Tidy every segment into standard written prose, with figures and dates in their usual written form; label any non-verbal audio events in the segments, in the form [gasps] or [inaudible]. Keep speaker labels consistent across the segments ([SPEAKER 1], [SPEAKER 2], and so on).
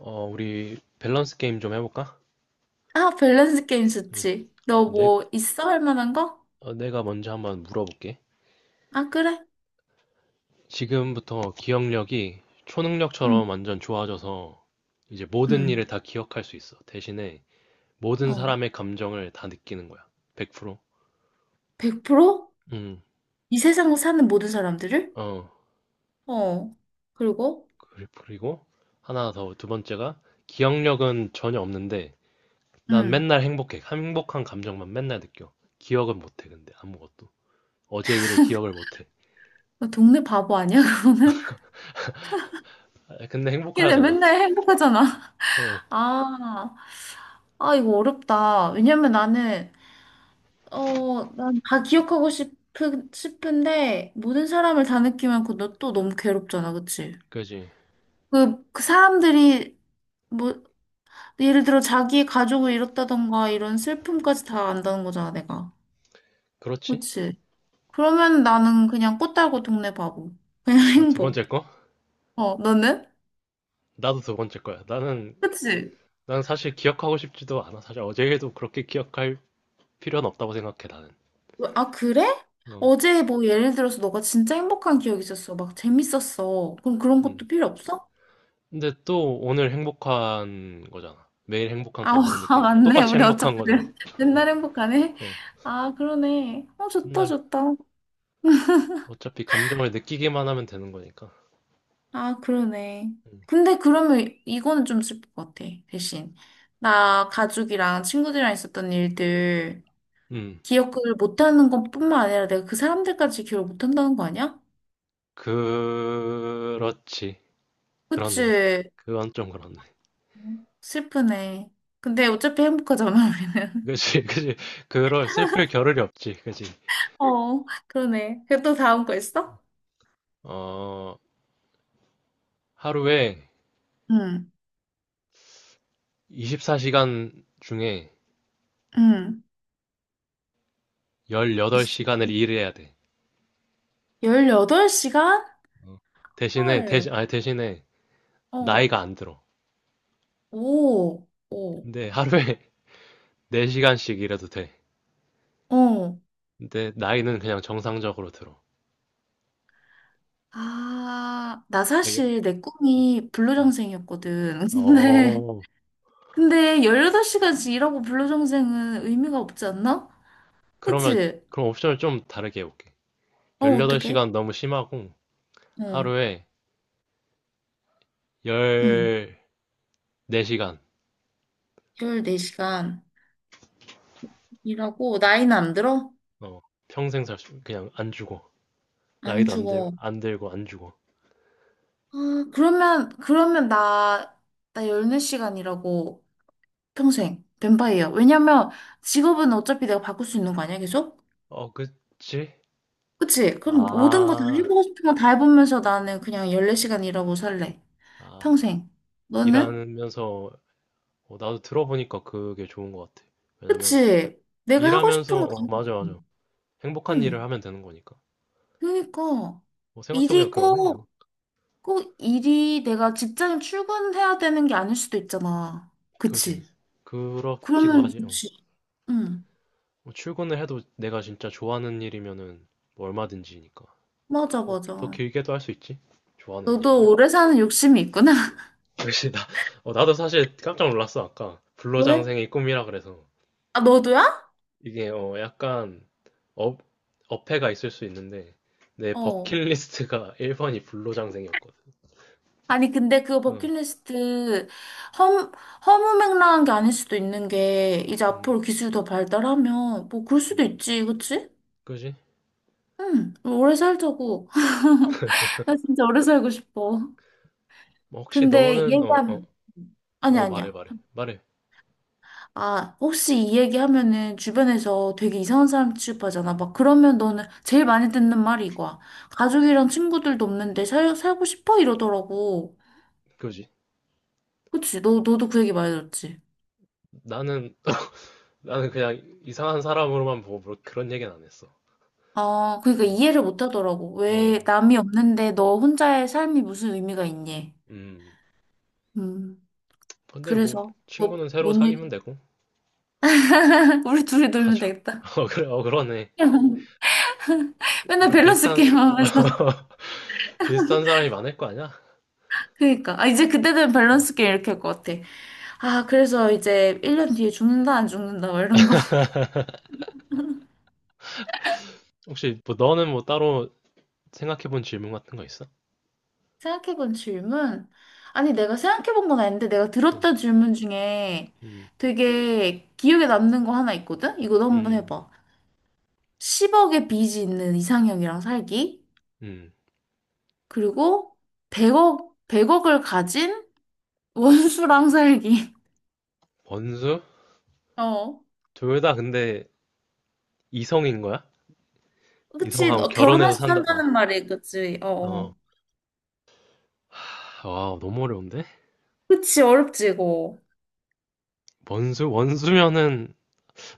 [SPEAKER 1] 우리 밸런스 게임 좀 해볼까?
[SPEAKER 2] 아, 밸런스 게임
[SPEAKER 1] 응.
[SPEAKER 2] 좋지. 너
[SPEAKER 1] 어, 내,
[SPEAKER 2] 뭐 있어? 할 만한 거?
[SPEAKER 1] 내가 먼저 한번 물어볼게.
[SPEAKER 2] 아, 그래?
[SPEAKER 1] 지금부터 기억력이
[SPEAKER 2] 응,
[SPEAKER 1] 초능력처럼 완전 좋아져서 이제 모든
[SPEAKER 2] 응.
[SPEAKER 1] 일을 다 기억할 수 있어. 대신에 모든
[SPEAKER 2] 어.
[SPEAKER 1] 사람의 감정을 다 느끼는 거야. 100%.
[SPEAKER 2] 100%?
[SPEAKER 1] 응.
[SPEAKER 2] 이 세상을 사는 모든 사람들을?
[SPEAKER 1] 어,
[SPEAKER 2] 어. 그리고?
[SPEAKER 1] 그리고 하나 더, 두 번째가 기억력은 전혀 없는데 난
[SPEAKER 2] 응.
[SPEAKER 1] 맨날 행복해. 행복한 감정만 맨날 느껴. 기억은 못해, 근데 아무것도. 어제 일을 기억을 못해.
[SPEAKER 2] 너 동네 바보 아니야? [laughs]
[SPEAKER 1] 아, 근데
[SPEAKER 2] 걔네
[SPEAKER 1] 행복하잖아.
[SPEAKER 2] 맨날 행복하잖아.
[SPEAKER 1] 어,
[SPEAKER 2] 아, 아, 이거 어렵다. 왜냐면 나는, 어, 난 다 기억하고 싶은데, 모든 사람을 다 느끼면 그너 또 너무 괴롭잖아, 그치?
[SPEAKER 1] 그지.
[SPEAKER 2] 그 사람들이, 뭐, 그 예를 들어 자기의 가족을 잃었다던가 이런 슬픔까지 다 안다는 거잖아, 내가.
[SPEAKER 1] 그렇지.
[SPEAKER 2] 그치? 그러면 나는 그냥 꽃 달고 동네 바보. 그냥 [laughs]
[SPEAKER 1] 아, 두
[SPEAKER 2] 행복.
[SPEAKER 1] 번째 거?
[SPEAKER 2] 어, 너는?
[SPEAKER 1] 나도 두 번째 거야.
[SPEAKER 2] 그치?
[SPEAKER 1] 난 사실 기억하고 싶지도 않아. 사실 어제에도 그렇게 기억할 필요는 없다고 생각해, 나는.
[SPEAKER 2] 아, 그래?
[SPEAKER 1] 어,
[SPEAKER 2] 어제 뭐 예를 들어서 너가 진짜 행복한 기억이 있었어. 막 재밌었어. 그럼 그런
[SPEAKER 1] 음.
[SPEAKER 2] 것도 필요 없어?
[SPEAKER 1] 근데 또 오늘 행복한 거잖아. 매일 행복한
[SPEAKER 2] 아, [laughs]
[SPEAKER 1] 감정
[SPEAKER 2] 아,
[SPEAKER 1] 느끼는 거.
[SPEAKER 2] 맞네.
[SPEAKER 1] 똑같이
[SPEAKER 2] 우리 어차피
[SPEAKER 1] 행복한 거잖아.
[SPEAKER 2] 맨-
[SPEAKER 1] 어,
[SPEAKER 2] 맨날 행복하네.
[SPEAKER 1] 어.
[SPEAKER 2] 아, 그러네. 어, 좋다,
[SPEAKER 1] 맨날
[SPEAKER 2] 좋다.
[SPEAKER 1] 어차피 감정을 느끼기만 하면 되는 거니까.
[SPEAKER 2] 아, 그러네.
[SPEAKER 1] 음,
[SPEAKER 2] 근데 그러면 이거는 좀 슬플 것 같아, 대신. 나 가족이랑 친구들이랑 있었던 일들
[SPEAKER 1] 음.
[SPEAKER 2] 기억을 못하는 것뿐만 아니라 내가 그 사람들까지 기억을 못한다는 거 아니야?
[SPEAKER 1] 그렇지. 그렇네.
[SPEAKER 2] 그치?
[SPEAKER 1] 그건 좀 그렇네.
[SPEAKER 2] 슬프네. 근데 어차피 행복하잖아, 우리는.
[SPEAKER 1] 그지, [laughs] 그지. 그럴, 슬플 겨를이 없지. 그지.
[SPEAKER 2] [laughs] 어, 그러네. 그럼 또 다음 거 있어?
[SPEAKER 1] 어, 하루에
[SPEAKER 2] 응,
[SPEAKER 1] 24시간 중에
[SPEAKER 2] 응.
[SPEAKER 1] 18시간을 일 해야 돼.
[SPEAKER 2] 18시간?
[SPEAKER 1] 어. 대신에,
[SPEAKER 2] 헐.
[SPEAKER 1] 대신, 아니, 대신에,
[SPEAKER 2] 어,
[SPEAKER 1] 나이가 안 들어.
[SPEAKER 2] 오, 오,
[SPEAKER 1] 근데 하루에 [laughs] 4시간씩 일해도 돼.
[SPEAKER 2] 어.
[SPEAKER 1] 근데 나이는 그냥 정상적으로 들어.
[SPEAKER 2] 아, 나
[SPEAKER 1] 그래요.
[SPEAKER 2] 사실 내 꿈이
[SPEAKER 1] 음.
[SPEAKER 2] 블루정생이었거든. [laughs] 근데,
[SPEAKER 1] 어,
[SPEAKER 2] 근데 18시간씩 일하고 블루정생은 의미가 없지 않나? 그치?
[SPEAKER 1] 그럼 옵션을 좀 다르게 해볼게.
[SPEAKER 2] 어, 어떡해?
[SPEAKER 1] 18시간 너무 심하고,
[SPEAKER 2] 어,
[SPEAKER 1] 하루에
[SPEAKER 2] 응.
[SPEAKER 1] 14시간,
[SPEAKER 2] 14시간 일하고 나이는 안 들어?
[SPEAKER 1] 어, 그냥 안 주고,
[SPEAKER 2] 안
[SPEAKER 1] 나이도 안 들,
[SPEAKER 2] 죽어.
[SPEAKER 1] 안 들고, 안 주고.
[SPEAKER 2] 아, 그러면 나 14시간 일하고 평생 뱀파이어. 왜냐면 직업은 어차피 내가 바꿀 수 있는 거 아니야, 계속?
[SPEAKER 1] 어, 그치?
[SPEAKER 2] 그치? 그럼 모든 거 다
[SPEAKER 1] 아,
[SPEAKER 2] 해보고 싶은 거 다 해보면서 나는 그냥 14시간 일하고 살래.
[SPEAKER 1] 아.
[SPEAKER 2] 평생. 너는?
[SPEAKER 1] 일하면서 나도 들어보니까 그게 좋은 것 같아. 왜냐면
[SPEAKER 2] 그치? 내가 하고 싶은
[SPEAKER 1] 일하면서,
[SPEAKER 2] 거 다 해보고
[SPEAKER 1] 맞아,
[SPEAKER 2] 싶어.
[SPEAKER 1] 맞아, 행복한 일을
[SPEAKER 2] 응.
[SPEAKER 1] 하면 되는 거니까.
[SPEAKER 2] 그러니까.
[SPEAKER 1] 생각해보니까
[SPEAKER 2] 일이
[SPEAKER 1] 그러네요.
[SPEAKER 2] 꼭, 꼭 일이 내가 직장에 출근해야 되는 게 아닐 수도 있잖아.
[SPEAKER 1] 그지?
[SPEAKER 2] 그치?
[SPEAKER 1] 그렇기도
[SPEAKER 2] 그러면
[SPEAKER 1] 하지. 어.
[SPEAKER 2] 좋지. 응.
[SPEAKER 1] 뭐 출근을 해도 내가 진짜 좋아하는 일이면은 뭐 얼마든지니까
[SPEAKER 2] 맞아,
[SPEAKER 1] 더
[SPEAKER 2] 맞아.
[SPEAKER 1] 길게도 할 수 있지. 좋아하는
[SPEAKER 2] 너도
[SPEAKER 1] 일면.
[SPEAKER 2] 오래 사는 욕심이 있구나. [laughs]
[SPEAKER 1] [laughs] 역시 나. 나도 사실 깜짝 놀랐어. 아까
[SPEAKER 2] 왜?
[SPEAKER 1] 불로장생의 꿈이라 그래서
[SPEAKER 2] 아, 너도야?
[SPEAKER 1] 이게, 약간, 업, 어폐가 있을 수 있는데 내
[SPEAKER 2] 어.
[SPEAKER 1] 버킷리스트가 [laughs] 1번이 불로장생이었거든.
[SPEAKER 2] 아니, 근데 그거
[SPEAKER 1] 어,
[SPEAKER 2] 버킷리스트 허무, 허무맹랑한 게 아닐 수도 있는 게, 이제
[SPEAKER 1] 음,
[SPEAKER 2] 앞으로 기술이 더 발달하면, 뭐, 그럴 수도
[SPEAKER 1] 음,
[SPEAKER 2] 있지, 그치?
[SPEAKER 1] 그지?
[SPEAKER 2] 응, 오래 살자고. [laughs] 나 진짜 오래 살고 싶어.
[SPEAKER 1] 뭐 혹시
[SPEAKER 2] 근데 이
[SPEAKER 1] 너는,
[SPEAKER 2] 얘기하면, 아니,
[SPEAKER 1] 말해,
[SPEAKER 2] 아니야.
[SPEAKER 1] 말해, 말해.
[SPEAKER 2] 아, 혹시 이 얘기하면은 주변에서 되게 이상한 사람 취급하잖아. 막 그러면 너는 제일 많이 듣는 말이 이거야. 가족이랑 친구들도 없는데 살고 싶어? 이러더라고.
[SPEAKER 1] 그지?
[SPEAKER 2] 그치? 너도 그 얘기 많이 들었지?
[SPEAKER 1] 나는 [laughs] 나는 그냥 이상한 사람으로만 보고 뭐 그런 얘기는 안 했어.
[SPEAKER 2] 아, 그러니까
[SPEAKER 1] 음,
[SPEAKER 2] 이해를 못 하더라고. 왜
[SPEAKER 1] 어,
[SPEAKER 2] 남이 없는데 너 혼자의 삶이 무슨 의미가 있니?
[SPEAKER 1] 음.
[SPEAKER 2] 음,
[SPEAKER 1] 근데 뭐
[SPEAKER 2] 그래서 뭐,
[SPEAKER 1] 친구는 새로
[SPEAKER 2] 뭔 얘기?
[SPEAKER 1] 사귀면 되고
[SPEAKER 2] [laughs] 우리 둘이 놀면
[SPEAKER 1] 가족,
[SPEAKER 2] 되겠다.
[SPEAKER 1] [laughs] 어 그래, 어 그러네.
[SPEAKER 2] [laughs]
[SPEAKER 1] 그
[SPEAKER 2] 맨날
[SPEAKER 1] 이런
[SPEAKER 2] 밸런스
[SPEAKER 1] 비슷한
[SPEAKER 2] 게임 하면서.
[SPEAKER 1] [laughs] 비슷한 사람이 많을 거 아니야?
[SPEAKER 2] 그러니까. 아, 이제 그때 되면
[SPEAKER 1] 음.
[SPEAKER 2] 밸런스 게임 이렇게 할 것 같아. 아, 그래서 이제 1년 뒤에 죽는다, 안 죽는다, 막 이런 거. [laughs]
[SPEAKER 1] 혹시 뭐 너는 뭐 따로 생각해본 질문 같은 거 있어?
[SPEAKER 2] 생각해본 질문? 아니, 내가 생각해본 건 아닌데, 내가
[SPEAKER 1] 응.
[SPEAKER 2] 들었던 질문 중에
[SPEAKER 1] 음,
[SPEAKER 2] 되게 기억에 남는 거 하나 있거든? 이거 너 한번
[SPEAKER 1] 음,
[SPEAKER 2] 해봐. 10억의 빚이 있는 이상형이랑 살기,
[SPEAKER 1] 음.
[SPEAKER 2] 그리고 100억, 100억을 가진 원수랑 살기.
[SPEAKER 1] 번수?
[SPEAKER 2] [laughs] 어.
[SPEAKER 1] 둘 다 근데 이성인 거야?
[SPEAKER 2] 그치,
[SPEAKER 1] 이성하고
[SPEAKER 2] 너
[SPEAKER 1] 결혼해서
[SPEAKER 2] 결혼해서
[SPEAKER 1] 산다. 어.
[SPEAKER 2] 산다는 말이, 그치, 어.
[SPEAKER 1] 어.
[SPEAKER 2] 어.
[SPEAKER 1] 하, 와, 너무 어려운데?
[SPEAKER 2] 그치, 어렵지, 이거.
[SPEAKER 1] 원수면은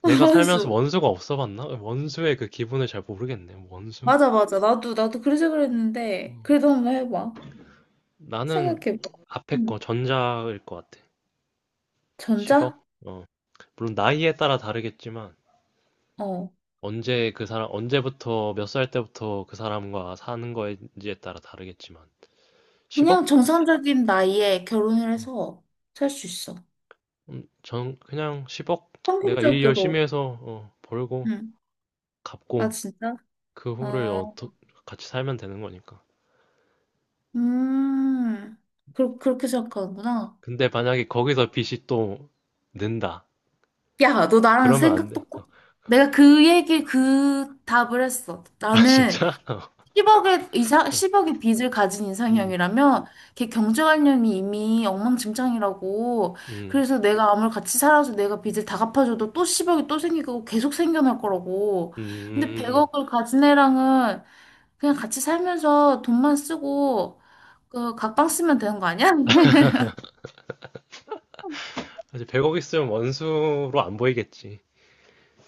[SPEAKER 2] [laughs]
[SPEAKER 1] 내가 살면서
[SPEAKER 2] 원수.
[SPEAKER 1] 원수가 없어 봤나? 원수의 그 기분을 잘 모르겠네. 원수?
[SPEAKER 2] 맞아, 맞아. 나도 그래서 그랬는데,
[SPEAKER 1] 음.
[SPEAKER 2] 그래도 한번 해봐.
[SPEAKER 1] 나는
[SPEAKER 2] 생각해봐.
[SPEAKER 1] 앞에 거
[SPEAKER 2] 응.
[SPEAKER 1] 전자일 것 같아.
[SPEAKER 2] 전자?
[SPEAKER 1] 10억? 어. 물론 나이에 따라 다르겠지만
[SPEAKER 2] 어.
[SPEAKER 1] 언제부터 몇 살 때부터 그 사람과 사는 거인지에 따라 다르겠지만
[SPEAKER 2] 그냥
[SPEAKER 1] 10억?
[SPEAKER 2] 정상적인 나이에 결혼을 해서 살 수 있어.
[SPEAKER 1] 전 그냥 10억, 내가 일 열심히
[SPEAKER 2] 평균적으로.
[SPEAKER 1] 해서, 벌고
[SPEAKER 2] 응. 아,
[SPEAKER 1] 갚고
[SPEAKER 2] 진짜?
[SPEAKER 1] 그 후를
[SPEAKER 2] 어.
[SPEAKER 1] 같이 살면 되는 거니까.
[SPEAKER 2] 음, 그렇게 생각하는구나.
[SPEAKER 1] 근데 만약에 거기서 빚이 또 는다.
[SPEAKER 2] 야, 너 나랑
[SPEAKER 1] 그러면 안
[SPEAKER 2] 생각
[SPEAKER 1] 돼.
[SPEAKER 2] 똑같
[SPEAKER 1] 어. [laughs]
[SPEAKER 2] 내가 그 얘기, 그 답을 했어.
[SPEAKER 1] 아,
[SPEAKER 2] 나는
[SPEAKER 1] 진짜? 어.
[SPEAKER 2] 10억의 십억의 빚을 가진
[SPEAKER 1] 음,
[SPEAKER 2] 이상형이라면 걔 경제관념이 이미 엉망진창이라고.
[SPEAKER 1] 음,
[SPEAKER 2] 그래서 내가 아무리 같이 살아서 내가 빚을 다 갚아줘도 또 10억이 또 생기고 계속 생겨날 거라고.
[SPEAKER 1] 음.
[SPEAKER 2] 근데
[SPEAKER 1] 음, 음.
[SPEAKER 2] 100억을 가진 애랑은 그냥 같이 살면서 돈만 쓰고 그 각방 쓰면 되는 거 아니야? [laughs]
[SPEAKER 1] 사실 100억 있으면 원수로 안 보이겠지.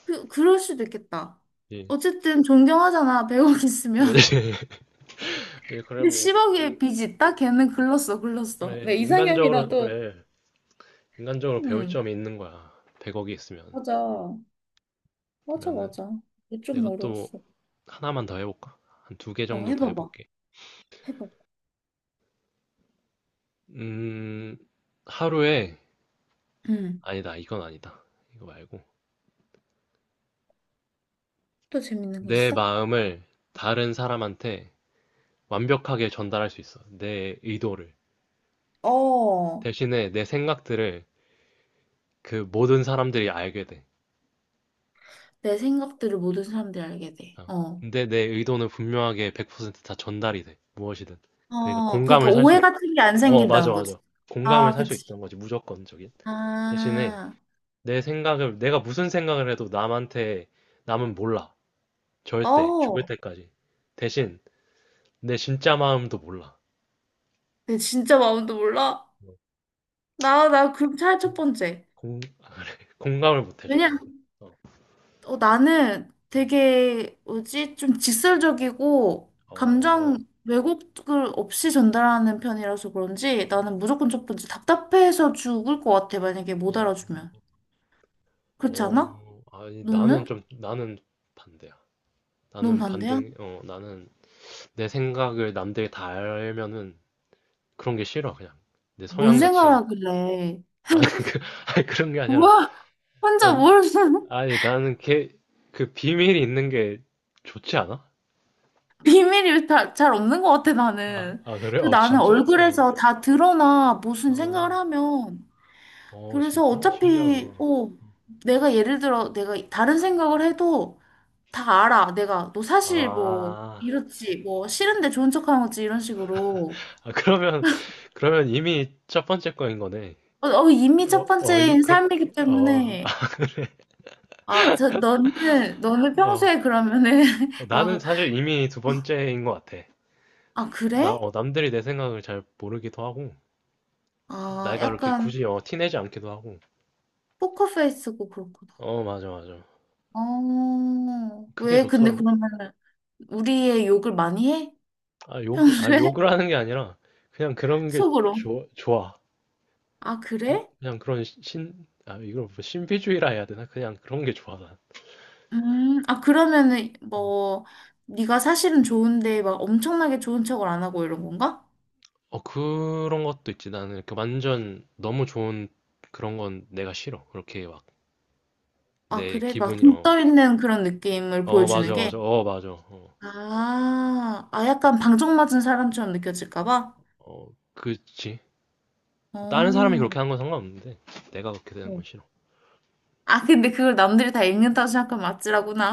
[SPEAKER 2] 그럴 수도 있겠다.
[SPEAKER 1] 예.
[SPEAKER 2] 어쨌든 존경하잖아, 100억 있으면. [laughs]
[SPEAKER 1] 그지? [laughs] 예,
[SPEAKER 2] 근데 10억의
[SPEAKER 1] 인-
[SPEAKER 2] 빚이 있다? 걔는 글렀어, 글렀어. 내
[SPEAKER 1] 그래, 인간적으로,
[SPEAKER 2] 이상형이라도,
[SPEAKER 1] 그래. 인간적으로 배울
[SPEAKER 2] 음,
[SPEAKER 1] 점이 있는 거야. 100억이 있으면.
[SPEAKER 2] 맞아. 맞아,
[SPEAKER 1] 그러면은
[SPEAKER 2] 맞아. 이거 좀
[SPEAKER 1] 내가 또
[SPEAKER 2] 어려웠어.
[SPEAKER 1] 하나만 더 해볼까? 한 두 개
[SPEAKER 2] 어,
[SPEAKER 1] 정도 더
[SPEAKER 2] 해봐봐,
[SPEAKER 1] 해볼게.
[SPEAKER 2] 해봐봐.
[SPEAKER 1] 음, 하루에,
[SPEAKER 2] 음,
[SPEAKER 1] 이건 아니다. 이거 말고.
[SPEAKER 2] 또 재밌는 거
[SPEAKER 1] 내
[SPEAKER 2] 있어?
[SPEAKER 1] 마음을 다른 사람한테 완벽하게 전달할 수 있어. 내 의도를.
[SPEAKER 2] 어,
[SPEAKER 1] 대신에 내 생각들을 그 모든 사람들이 알게 돼.
[SPEAKER 2] 내 생각들을 모든 사람들이 알게 돼.
[SPEAKER 1] 어.
[SPEAKER 2] 어.
[SPEAKER 1] 근데 내 의도는 분명하게 100%다 전달이 돼. 무엇이든. 그러니까
[SPEAKER 2] 어, 그러니까
[SPEAKER 1] 공감을 살 수,
[SPEAKER 2] 오해
[SPEAKER 1] 있...
[SPEAKER 2] 같은 게 안
[SPEAKER 1] 어, 맞아,
[SPEAKER 2] 생긴다는 거지.
[SPEAKER 1] 맞아. 공감을
[SPEAKER 2] 아,
[SPEAKER 1] 살 수
[SPEAKER 2] 그치.
[SPEAKER 1] 있다는 거지, 무조건적인. 대신에
[SPEAKER 2] 아,
[SPEAKER 1] 내가 무슨 생각을 해도 남한테, 남은 몰라. 절대. 죽을
[SPEAKER 2] 어.
[SPEAKER 1] 때까지. 대신 내 진짜 마음도 몰라.
[SPEAKER 2] 내 진짜 마음도 몰라.
[SPEAKER 1] 어,
[SPEAKER 2] 나 그럼 차라리 첫
[SPEAKER 1] 공,
[SPEAKER 2] 번째.
[SPEAKER 1] 공, 공감을 못 해줘.
[SPEAKER 2] 왜냐?
[SPEAKER 1] 어. 어.
[SPEAKER 2] 어, 나는
[SPEAKER 1] 음.
[SPEAKER 2] 되게 뭐지? 좀 직설적이고
[SPEAKER 1] 어,
[SPEAKER 2] 감정
[SPEAKER 1] 어,
[SPEAKER 2] 왜곡을 없이 전달하는 편이라서 그런지 나는 무조건 첫 번째 답답해서 죽을 것 같아. 만약에 못
[SPEAKER 1] 어.
[SPEAKER 2] 알아주면.
[SPEAKER 1] 어.
[SPEAKER 2] 그렇지 않아?
[SPEAKER 1] 아니,
[SPEAKER 2] 너는?
[SPEAKER 1] 나는 반대야.
[SPEAKER 2] 넌 반대야?
[SPEAKER 1] 나는 내 생각을 남들이 다 알면은 그런 게 싫어, 그냥. 내
[SPEAKER 2] 뭔
[SPEAKER 1] 성향 자체가.
[SPEAKER 2] 생각하길래.
[SPEAKER 1] 아니, [laughs] 그, 아니, 그런 게 아니라.
[SPEAKER 2] 우와, 혼자
[SPEAKER 1] 난,
[SPEAKER 2] 뭘 [laughs]
[SPEAKER 1] 아니, 나는 걔, 그 비밀이 있는 게 좋지 않아?
[SPEAKER 2] 비밀이 다, 잘 없는 것 같아,
[SPEAKER 1] 아,
[SPEAKER 2] 나는.
[SPEAKER 1] 아, 그래?
[SPEAKER 2] 그
[SPEAKER 1] 어,
[SPEAKER 2] 나는
[SPEAKER 1] 진짜? 어,
[SPEAKER 2] 얼굴에서 다 드러나 무슨 생각을
[SPEAKER 1] 어,
[SPEAKER 2] 하면
[SPEAKER 1] 어,
[SPEAKER 2] 그래서
[SPEAKER 1] 진짜? 신기하다.
[SPEAKER 2] 어차피, 어, 내가 예를 들어, 내가 다른 생각을 해도 다 알아. 내가, 너 사실 뭐,
[SPEAKER 1] 아,
[SPEAKER 2] 이렇지, 뭐, 싫은데 좋은 척 하는 거지, 이런 식으로.
[SPEAKER 1] 아, 그러면, 이미 첫 번째 거인 거네.
[SPEAKER 2] 어, 어, 이미
[SPEAKER 1] 어,
[SPEAKER 2] 첫
[SPEAKER 1] 어, 이-
[SPEAKER 2] 번째인 삶이기
[SPEAKER 1] 그렇게, 어,
[SPEAKER 2] 때문에,
[SPEAKER 1] [laughs]
[SPEAKER 2] 아, 저, 너는
[SPEAKER 1] 어.
[SPEAKER 2] 평소에 그러면은, [laughs]
[SPEAKER 1] 나는
[SPEAKER 2] 막,
[SPEAKER 1] 사실 이미 두 번째인 것 같아.
[SPEAKER 2] 아, 그래?
[SPEAKER 1] 남들이 내 생각을 잘 모르기도 하고,
[SPEAKER 2] 아,
[SPEAKER 1] 내가 이렇게
[SPEAKER 2] 약간,
[SPEAKER 1] 굳이 티내지 않기도 하고.
[SPEAKER 2] 포커페이스고 그렇구나.
[SPEAKER 1] 어, 맞아, 맞아.
[SPEAKER 2] 어,
[SPEAKER 1] 그게
[SPEAKER 2] 왜, 근데
[SPEAKER 1] 좋더라고.
[SPEAKER 2] 그러면은, 우리의 욕을 많이 해?
[SPEAKER 1] 아, 아,
[SPEAKER 2] 평소에? [laughs]
[SPEAKER 1] 욕을 하는 게 아니라, 그냥 그런 게
[SPEAKER 2] 속으로.
[SPEAKER 1] 좋아, 좋아.
[SPEAKER 2] 아, 그래?
[SPEAKER 1] 그냥 그런 시- 신, 아, 이걸 뭐 신비주의라 해야 되나? 그냥 그런 게 좋아, 난.
[SPEAKER 2] 아, 그러면은,
[SPEAKER 1] 어,
[SPEAKER 2] 뭐, 네가 사실은 좋은데, 막 엄청나게 좋은 척을 안 하고 이런 건가?
[SPEAKER 1] 어, 그런 것도 있지. 나는 이렇게 완전 너무 좋은 그런 건 내가 싫어. 그렇게 막,
[SPEAKER 2] 아,
[SPEAKER 1] 내
[SPEAKER 2] 그래? 막
[SPEAKER 1] 기분이,
[SPEAKER 2] 좀
[SPEAKER 1] 어,
[SPEAKER 2] 떠 있는 그런 느낌을
[SPEAKER 1] 어,
[SPEAKER 2] 보여주는
[SPEAKER 1] 맞아, 맞아,
[SPEAKER 2] 게?
[SPEAKER 1] 어, 맞아, 어,
[SPEAKER 2] 아, 아, 약간 방정 맞은 사람처럼 느껴질까 봐?
[SPEAKER 1] 어, 그치. 뭐 다른 사람이
[SPEAKER 2] 어.
[SPEAKER 1] 그렇게 하는 건 상관없는데 내가 그렇게 되는 건
[SPEAKER 2] 어.
[SPEAKER 1] 싫어.
[SPEAKER 2] 아, 근데 그걸 남들이 다 읽는다고 생각하면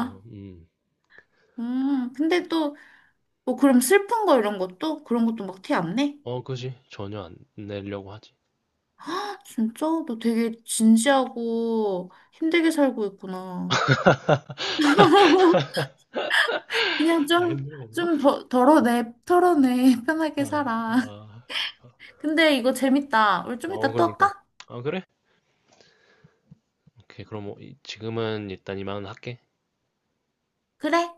[SPEAKER 1] 어,
[SPEAKER 2] 근데 또, 뭐, 그럼 슬픈 거 이런 것도? 그런 것도 막 티 안 내?
[SPEAKER 1] 어, 그지. 전혀 안 내려고 하지.
[SPEAKER 2] [gasps] 아 진짜? 너 되게 진지하고 힘들게 살고 있구나. 그냥
[SPEAKER 1] 아,
[SPEAKER 2] 좀,
[SPEAKER 1] 힘든 건가?
[SPEAKER 2] 좀 더, 털어내. [laughs]
[SPEAKER 1] 아,
[SPEAKER 2] 편하게 살아.
[SPEAKER 1] 아.
[SPEAKER 2] 근데 이거 재밌다. 우리 좀
[SPEAKER 1] 어,
[SPEAKER 2] 이따 또
[SPEAKER 1] 그러니까.
[SPEAKER 2] 할까?
[SPEAKER 1] 아, 그래? 오케이. 그럼 뭐 이- 지금은 일단 이만 할게.
[SPEAKER 2] 그래.